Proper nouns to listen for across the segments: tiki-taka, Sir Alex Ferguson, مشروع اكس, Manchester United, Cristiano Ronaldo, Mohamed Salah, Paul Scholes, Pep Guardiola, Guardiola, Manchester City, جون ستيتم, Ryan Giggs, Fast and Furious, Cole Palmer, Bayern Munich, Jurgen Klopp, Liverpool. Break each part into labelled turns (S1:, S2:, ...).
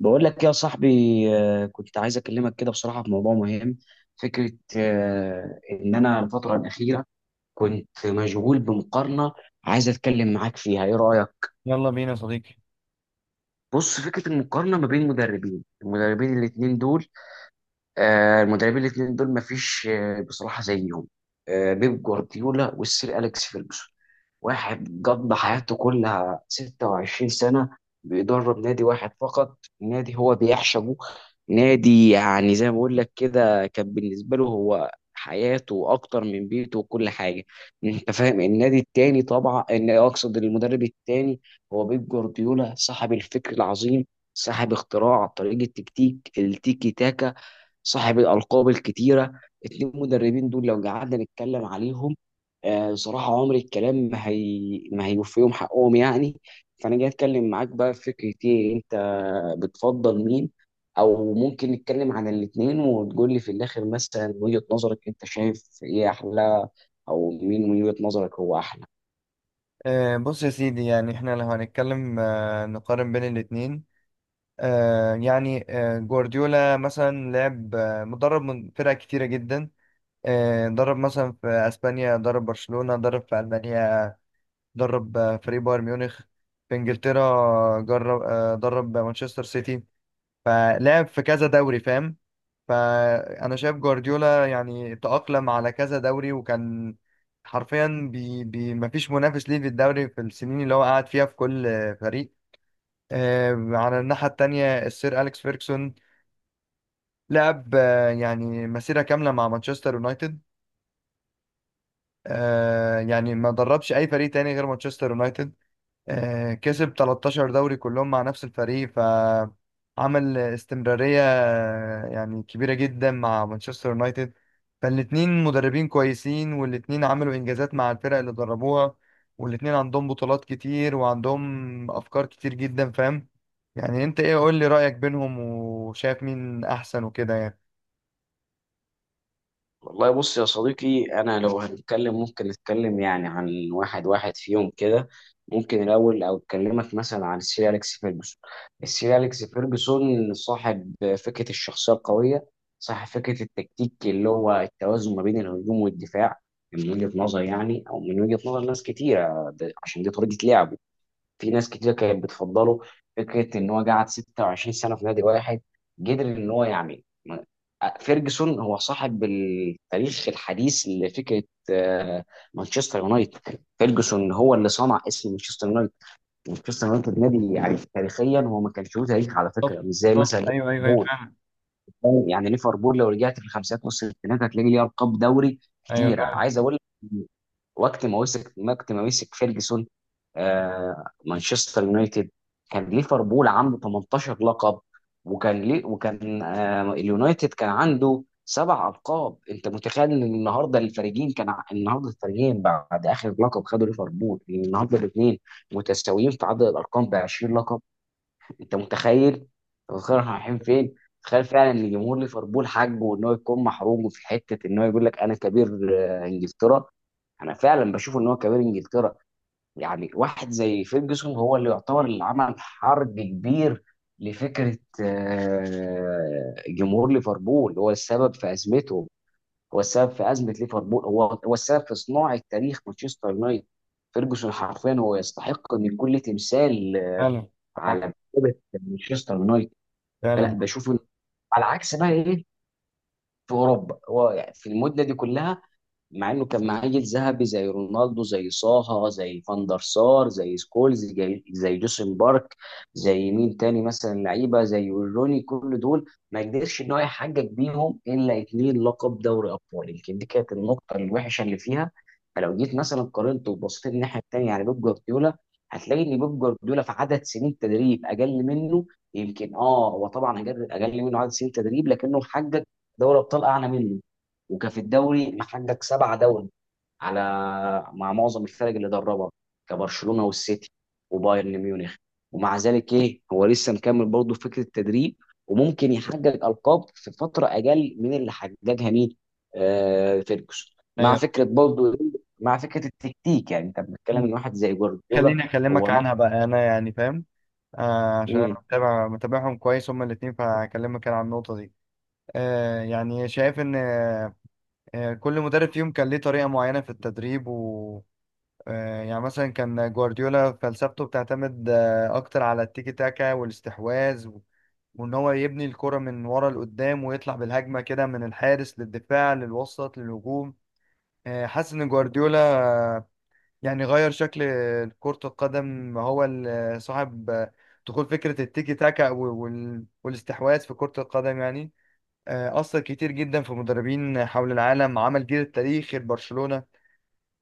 S1: بقول لك يا صاحبي. كنت عايز اكلمك كده بصراحه في موضوع مهم. فكره ان انا الفتره الاخيره كنت مشغول بمقارنه عايز اتكلم معاك فيها، ايه رايك؟
S2: يلا بينا يا صديقي.
S1: بص، فكره المقارنه ما بين المدربين الاثنين دول. المدربين الاثنين دول مفيش بصراحه زيهم، بيب جوارديولا والسير اليكس فيرجسون. واحد قضى حياته كلها 26 سنه بيدرب نادي واحد فقط، نادي هو بيعشقه، نادي يعني زي ما بقول لك كده كان بالنسبه له هو حياته اكتر من بيته وكل حاجه، انت فاهم؟ النادي التاني، طبعا ان اقصد المدرب التاني، هو بيب جوارديولا، صاحب الفكر العظيم، صاحب اختراع طريقه تكتيك التيكي تاكا، صاحب الألقاب الكتيرة. اتنين مدربين دول لو قعدنا نتكلم عليهم، بصراحة عمر الكلام ما ما هيوفيهم حقهم يعني. فأنا جاي أتكلم معاك بقى في فكرة إيه، أنت بتفضل مين؟ أو ممكن نتكلم عن الاتنين وتقول لي في الآخر مثلا وجهة نظرك، أنت شايف إيه أحلى؟ أو مين من وجهة نظرك هو أحلى؟
S2: بص يا سيدي، يعني احنا لو هنتكلم نقارن بين الاتنين. جوارديولا مثلا لعب، مدرب من فرق كتيرة جدا. درب مثلا في اسبانيا، درب برشلونة، درب في المانيا، درب فريق بايرن ميونخ. في انجلترا جرب آه درب مانشستر سيتي، فلعب في كذا دوري، فاهم؟ فأنا شايف جوارديولا يعني تأقلم على كذا دوري، وكان حرفيا بي بي مفيش منافس ليه في الدوري في السنين اللي هو قعد فيها في كل فريق. على الناحية التانية، السير أليكس فيركسون لعب، يعني مسيرة كاملة مع مانشستر يونايتد. يعني ما دربش اي فريق تاني غير مانشستر يونايتد. كسب 13 دوري كلهم مع نفس الفريق، فعمل استمرارية يعني كبيرة جدا مع مانشستر يونايتد. فالاتنين مدربين كويسين، والاتنين عملوا انجازات مع الفرق اللي دربوها، والاتنين عندهم بطولات كتير وعندهم افكار كتير جدا، فاهم؟ يعني انت ايه؟ قول لي رأيك بينهم، وشايف مين احسن وكده يعني.
S1: والله بص يا صديقي، انا لو هنتكلم ممكن نتكلم يعني عن واحد واحد فيهم كده. ممكن الاول او اكلمك مثلا عن السير اليكس فيرجسون. السير اليكس فيرجسون صاحب فكره الشخصيه القويه، صاحب فكره التكتيك اللي هو التوازن ما بين الهجوم والدفاع. من وجهه نظري يعني او من وجهه نظر ناس كتيره، عشان دي طريقه لعبه في ناس كتير كانت بتفضله. فكره ان هو قعد 26 سنه في نادي واحد قدر ان هو يعمل. فيرجسون هو صاحب التاريخ الحديث لفكره آه، مانشستر يونايتد. فيرجسون هو اللي صنع اسم مانشستر يونايتد. مانشستر يونايتد نادي يعني تاريخيا هو ما كانش له تاريخ، على فكره،
S2: بالظبط.
S1: مش زي مثلا
S2: بالظبط. ايوه، ايوه، ايوه،
S1: ليفربول.
S2: فعلا.
S1: يعني ليفربول لو رجعت في الخمسينات نص الستينات هتلاقي ليه القاب دوري
S2: ايوه
S1: كتير،
S2: فعلا.
S1: عايز اقول لك. وقت ما مسك فيرجسون مانشستر يونايتد، كان ليفربول عنده 18 لقب، وكان اليونايتد كان عنده سبع القاب. انت متخيل ان النهارده الفريقين النهارده الفريقين بعد اخر لقب خدوا ليفربول لان النهارده الاثنين متساويين في عدد الارقام ب 20 لقب؟ انت متخيل؟ انت متخيل احنا رايحين فين؟ تخيل فعلا ان جمهور ليفربول حقه ان هو يكون محروم في حته ان هو يقول لك انا كبير انجلترا. انا فعلا بشوف ان هو كبير انجلترا. يعني واحد زي فيرجسون هو اللي يعتبر اللي عمل حرب كبير لفكره جمهور ليفربول. هو السبب في ازمتهم، هو السبب في ازمه ليفربول، هو السبب في صناعه تاريخ مانشستر يونايتد. فيرجسون حرفيا هو يستحق ان يكون له تمثال
S2: فعلا. معاك.
S1: على مكتبه مانشستر يونايتد. فلا
S2: فعلا.
S1: بشوف إن- على عكس بقى ايه، في اوروبا هو يعني في المده دي كلها، مع انه كان معاه جيل ذهبي زي رونالدو، زي صاها، زي فان دار سار، زي سكولز، زي جوسن بارك، زي مين تاني مثلا لعيبه زي ويروني، كل دول ما قدرش ان هو يحقق بيهم الا اتنين لقب دوري ابطال. يمكن دي كانت النقطه الوحشه اللي فيها. فلو جيت مثلا قارنته وبصيت الناحيه التانيه على بيب جوارديولا، هتلاقي ان بيب جوارديولا في عدد سنين تدريب اقل منه. يمكن اه هو طبعا أقل منه عدد سنين تدريب، لكنه محقق دوري ابطال اعلى منه، وكان في الدوري محقق سبعة دوري على مع معظم الفرق اللي دربها، كبرشلونة والسيتي وبايرن ميونخ. ومع ذلك ايه، هو لسه مكمل برضه في فكرة التدريب، وممكن يحقق ألقاب في فترة أقل من اللي حققها مين؟ آه، فيرجسون. مع
S2: ايوه.
S1: فكرة برضه مع فكرة التكتيك، يعني انت بتتكلم
S2: مم.
S1: ان واحد زي جوارديولا
S2: خليني
S1: هو
S2: اكلمك عنها بقى، انا يعني فاهم. عشان انا
S1: نط.
S2: متابعهم كويس هما الاثنين، فهكلمك انا عن النقطه دي. يعني شايف ان كل مدرب فيهم كان ليه طريقه معينه في التدريب، و يعني مثلا كان جوارديولا فلسفته بتعتمد اكتر على التيكي تاكا والاستحواذ، وان هو يبني الكره من ورا لقدام، ويطلع بالهجمه كده من الحارس للدفاع للوسط للهجوم. حاسس ان جوارديولا يعني غير شكل كرة القدم، هو صاحب دخول فكرة التيكي تاكا والاستحواذ في كرة القدم، يعني أثر كتير جدا في مدربين حول العالم، عمل جيل التاريخ لبرشلونة.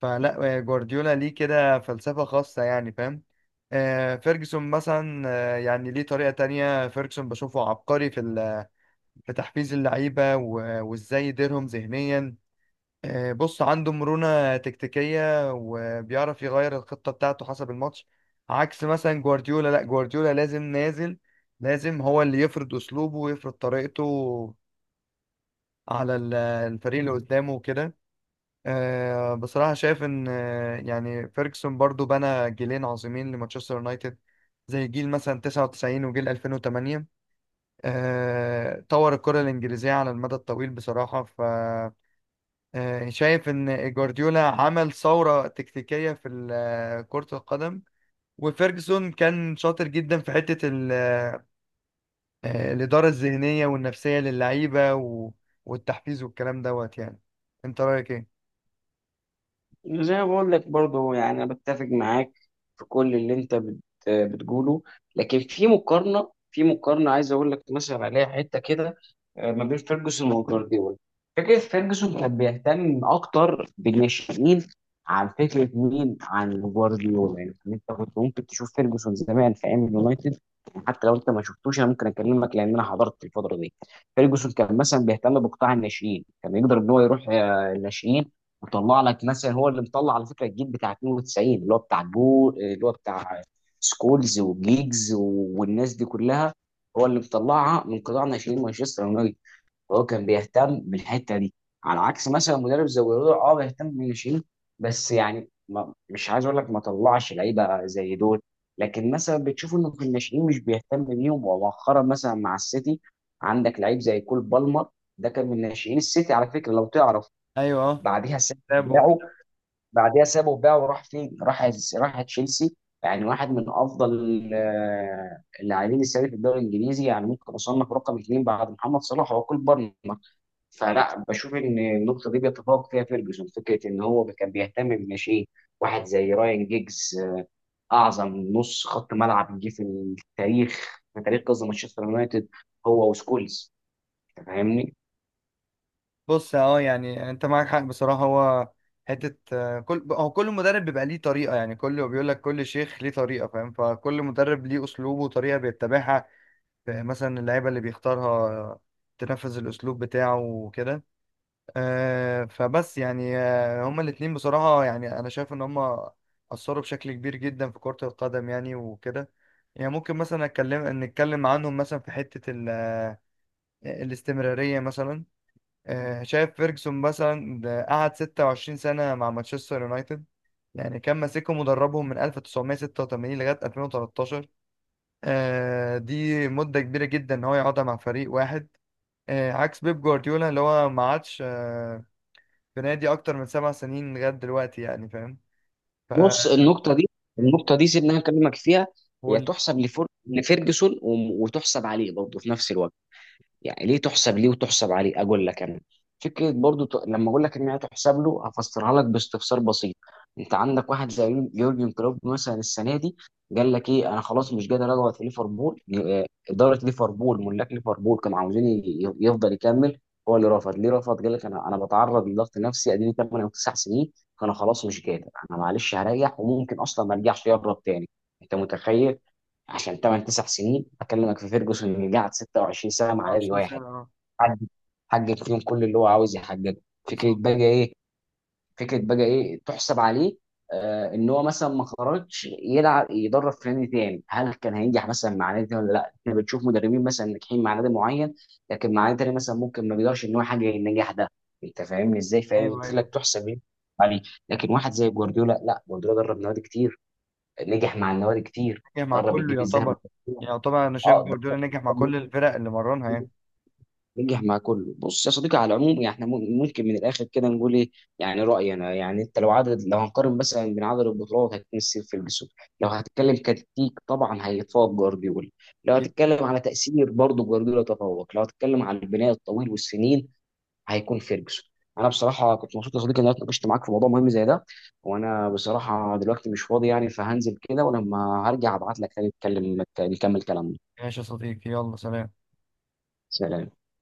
S2: فلا، جوارديولا ليه كده فلسفة خاصة يعني، فاهم؟ فيرجسون مثلا، يعني ليه طريقة تانية. فيرجسون بشوفه عبقري في في تحفيز اللعيبة، وازاي يديرهم ذهنيا. بص عنده مرونة تكتيكية، وبيعرف يغير الخطة بتاعته حسب الماتش. عكس مثلا جوارديولا، لا جوارديولا لازم نازل، لازم هو اللي يفرض أسلوبه ويفرض طريقته على الفريق اللي قدامه وكده. بصراحة شايف إن يعني فيرجسون برضو بنى جيلين عظيمين لمانشستر يونايتد، زي جيل مثلا 99 وجيل 2008. طور الكرة الإنجليزية على المدى الطويل بصراحة. شايف ان جوارديولا عمل ثورة تكتيكية في كرة القدم، وفيرجسون كان شاطر جدا في حتة الإدارة الذهنية والنفسية للعيبة، والتحفيز والكلام دوت يعني. انت رأيك ايه؟
S1: زي ما بقول لك برضه، يعني انا بتفق معاك في كل اللي انت بتقوله، لكن في مقارنه، في مقارنه عايز اقول لك مثلا عليها حته كده ما بين فيرجسون وجوارديولا. فكره فيرجسون كان بيهتم اكتر بالناشئين عن فكره مين، عن جوارديولا. يعني انت كنت ممكن تشوف فيرجسون زمان في ايام اليونايتد، حتى لو انت ما شفتوش انا ممكن اكلمك لان انا حضرت الفتره دي. فيرجسون كان مثلا بيهتم بقطاع الناشئين، كان يقدر ان هو يروح الناشئين وطلع لك مثلا، هو اللي مطلع على فكره الجيل بتاع 92 اللي هو بتاع جو، اللي هو بتاع سكولز وجيجز والناس دي كلها، هو اللي مطلعها من قطاع ناشئين مانشستر يونايتد. وهو كان بيهتم بالحته دي، على عكس مثلا مدرب زي جوارديولا. اه بيهتم بالناشئين، بس يعني ما مش عايز اقول لك ما طلعش لعيبه زي دول، لكن مثلا بتشوف انه في الناشئين مش بيهتم بيهم. ومؤخرا مثلا مع السيتي، عندك لعيب زي كول بالمر، ده كان من ناشئين السيتي على فكره لو تعرف.
S2: ايوه. اه.
S1: بعديها السيتي
S2: لعبه.
S1: بعديها سابه بقى وراح فين؟ راح راح تشيلسي. يعني واحد من افضل اللاعبين السنه في الدوري الانجليزي، يعني ممكن اصنف رقم اثنين بعد محمد صلاح وكول بالمر. فلا بشوف ان النقطه دي بيتفوق فيها فيرجسون، فكره ان هو كان بيهتم بالناشئين. واحد زي رايان جيجز اعظم نص خط ملعب جه في التاريخ، في تاريخ قصدي مانشستر يونايتد، هو وسكولز. أنت فاهمني؟
S2: بص، يعني انت معاك حق بصراحة. هو حتة كل مدرب بيبقى ليه طريقة، يعني كل بيقول لك كل شيخ ليه طريقة، فاهم؟ فكل مدرب ليه أسلوبه وطريقة بيتبعها. مثلا اللعيبة اللي بيختارها تنفذ الأسلوب بتاعه وكده. فبس يعني هما الاتنين بصراحة، يعني أنا شايف إن هما أثروا بشكل كبير جدا في كرة القدم، يعني وكده. يعني ممكن مثلا نتكلم عنهم مثلا في حتة الاستمرارية مثلا. شايف فيرجسون مثلا ده قعد 26 سنة مع مانشستر يونايتد، يعني كان ماسكهم مدربهم من 1986 لغاية 2013. دي مدة كبيرة جدا إن هو يقعدها مع فريق واحد. عكس بيب جوارديولا اللي هو ما عادش في نادي اكتر من 7 سنين لغايه دلوقتي، يعني فاهم؟ ف
S1: بص، النقطة دي
S2: مم.
S1: النقطة دي سيبني أنا أكلمك فيها.
S2: هو
S1: هي تحسب لفيرجسون وتحسب عليه برضه في نفس الوقت. يعني ليه تحسب ليه وتحسب عليه، اقول لك انا. فكره برضو لما اقول لك ان هي تحسب له هفسرها لك باستفسار بسيط. انت عندك واحد زي يورجن كلوب مثلا السنه دي قال لك ايه؟ انا خلاص مش قادر اقعد في ليفربول. اداره ليفربول، ملاك ليفربول كانوا عاوزين يفضل يكمل، هو اللي رفض. ليه رفض؟ قال لك انا انا بتعرض لضغط نفسي، اديني 8 او 9 سنين فانا خلاص مش قادر، انا معلش هريح وممكن اصلا ما ارجعش، يهرب تاني. انت متخيل؟ عشان 8 9 سنين اكلمك في فيرجسون اللي قعد 26 سنه مع نادي
S2: 29 سنه.
S1: واحد،
S2: اه.
S1: حقق حقق فيهم كل اللي هو عاوز يحققه. فكره
S2: بالظبط.
S1: بقى ايه، فكره بقى ايه تحسب عليه؟ آه، ان هو مثلا ما خرجش يلعب يدرب في نادي تاني. هل كان هينجح مثلا مع نادي تاني ولا لا؟ احنا بنشوف مدربين مثلا ناجحين مع نادي معين لكن مع نادي تاني مثلا ممكن ما بيقدرش ان هو يحقق النجاح ده. انت فاهمني ازاي؟
S2: ايوه،
S1: فقلت لك
S2: ايوه.
S1: تحسب ايه عليه. لكن واحد زي جوارديولا لا، جوارديولا درب نوادي كتير، نجح مع النوادي كتير،
S2: نجح مع
S1: درب
S2: كله
S1: الجيل الذهبي.
S2: يعتبر. يعني يعتبر انا شايف
S1: اه
S2: جوارديولا نجح مع كل الفرق اللي مرنها يعني.
S1: درب نجح مع كله. بص يا صديقي، على العموم يعني احنا ممكن من الاخر كده نقول ايه؟ يعني رايي انا، يعني انت لو عدد، لو هنقارن مثلا بين عدد البطولات هتمثل في الجسم. لو هتتكلم كتكتيك طبعا هيتفوق جوارديولا. لو
S2: اكيد.
S1: هتتكلم على تاثير برضه جوارديولا تفوق. لو هتتكلم على البناء الطويل والسنين هيكون فيرجسون. انا بصراحه كنت مبسوط يا صديقي ان انا اتناقشت معاك في موضوع مهم زي ده. وانا بصراحه دلوقتي مش فاضي يعني، فهنزل كده ولما هرجع ابعت لك تاني نتكلم نكمل كلامنا.
S2: ماشي يا صديقي، يلا سلام.
S1: سلام.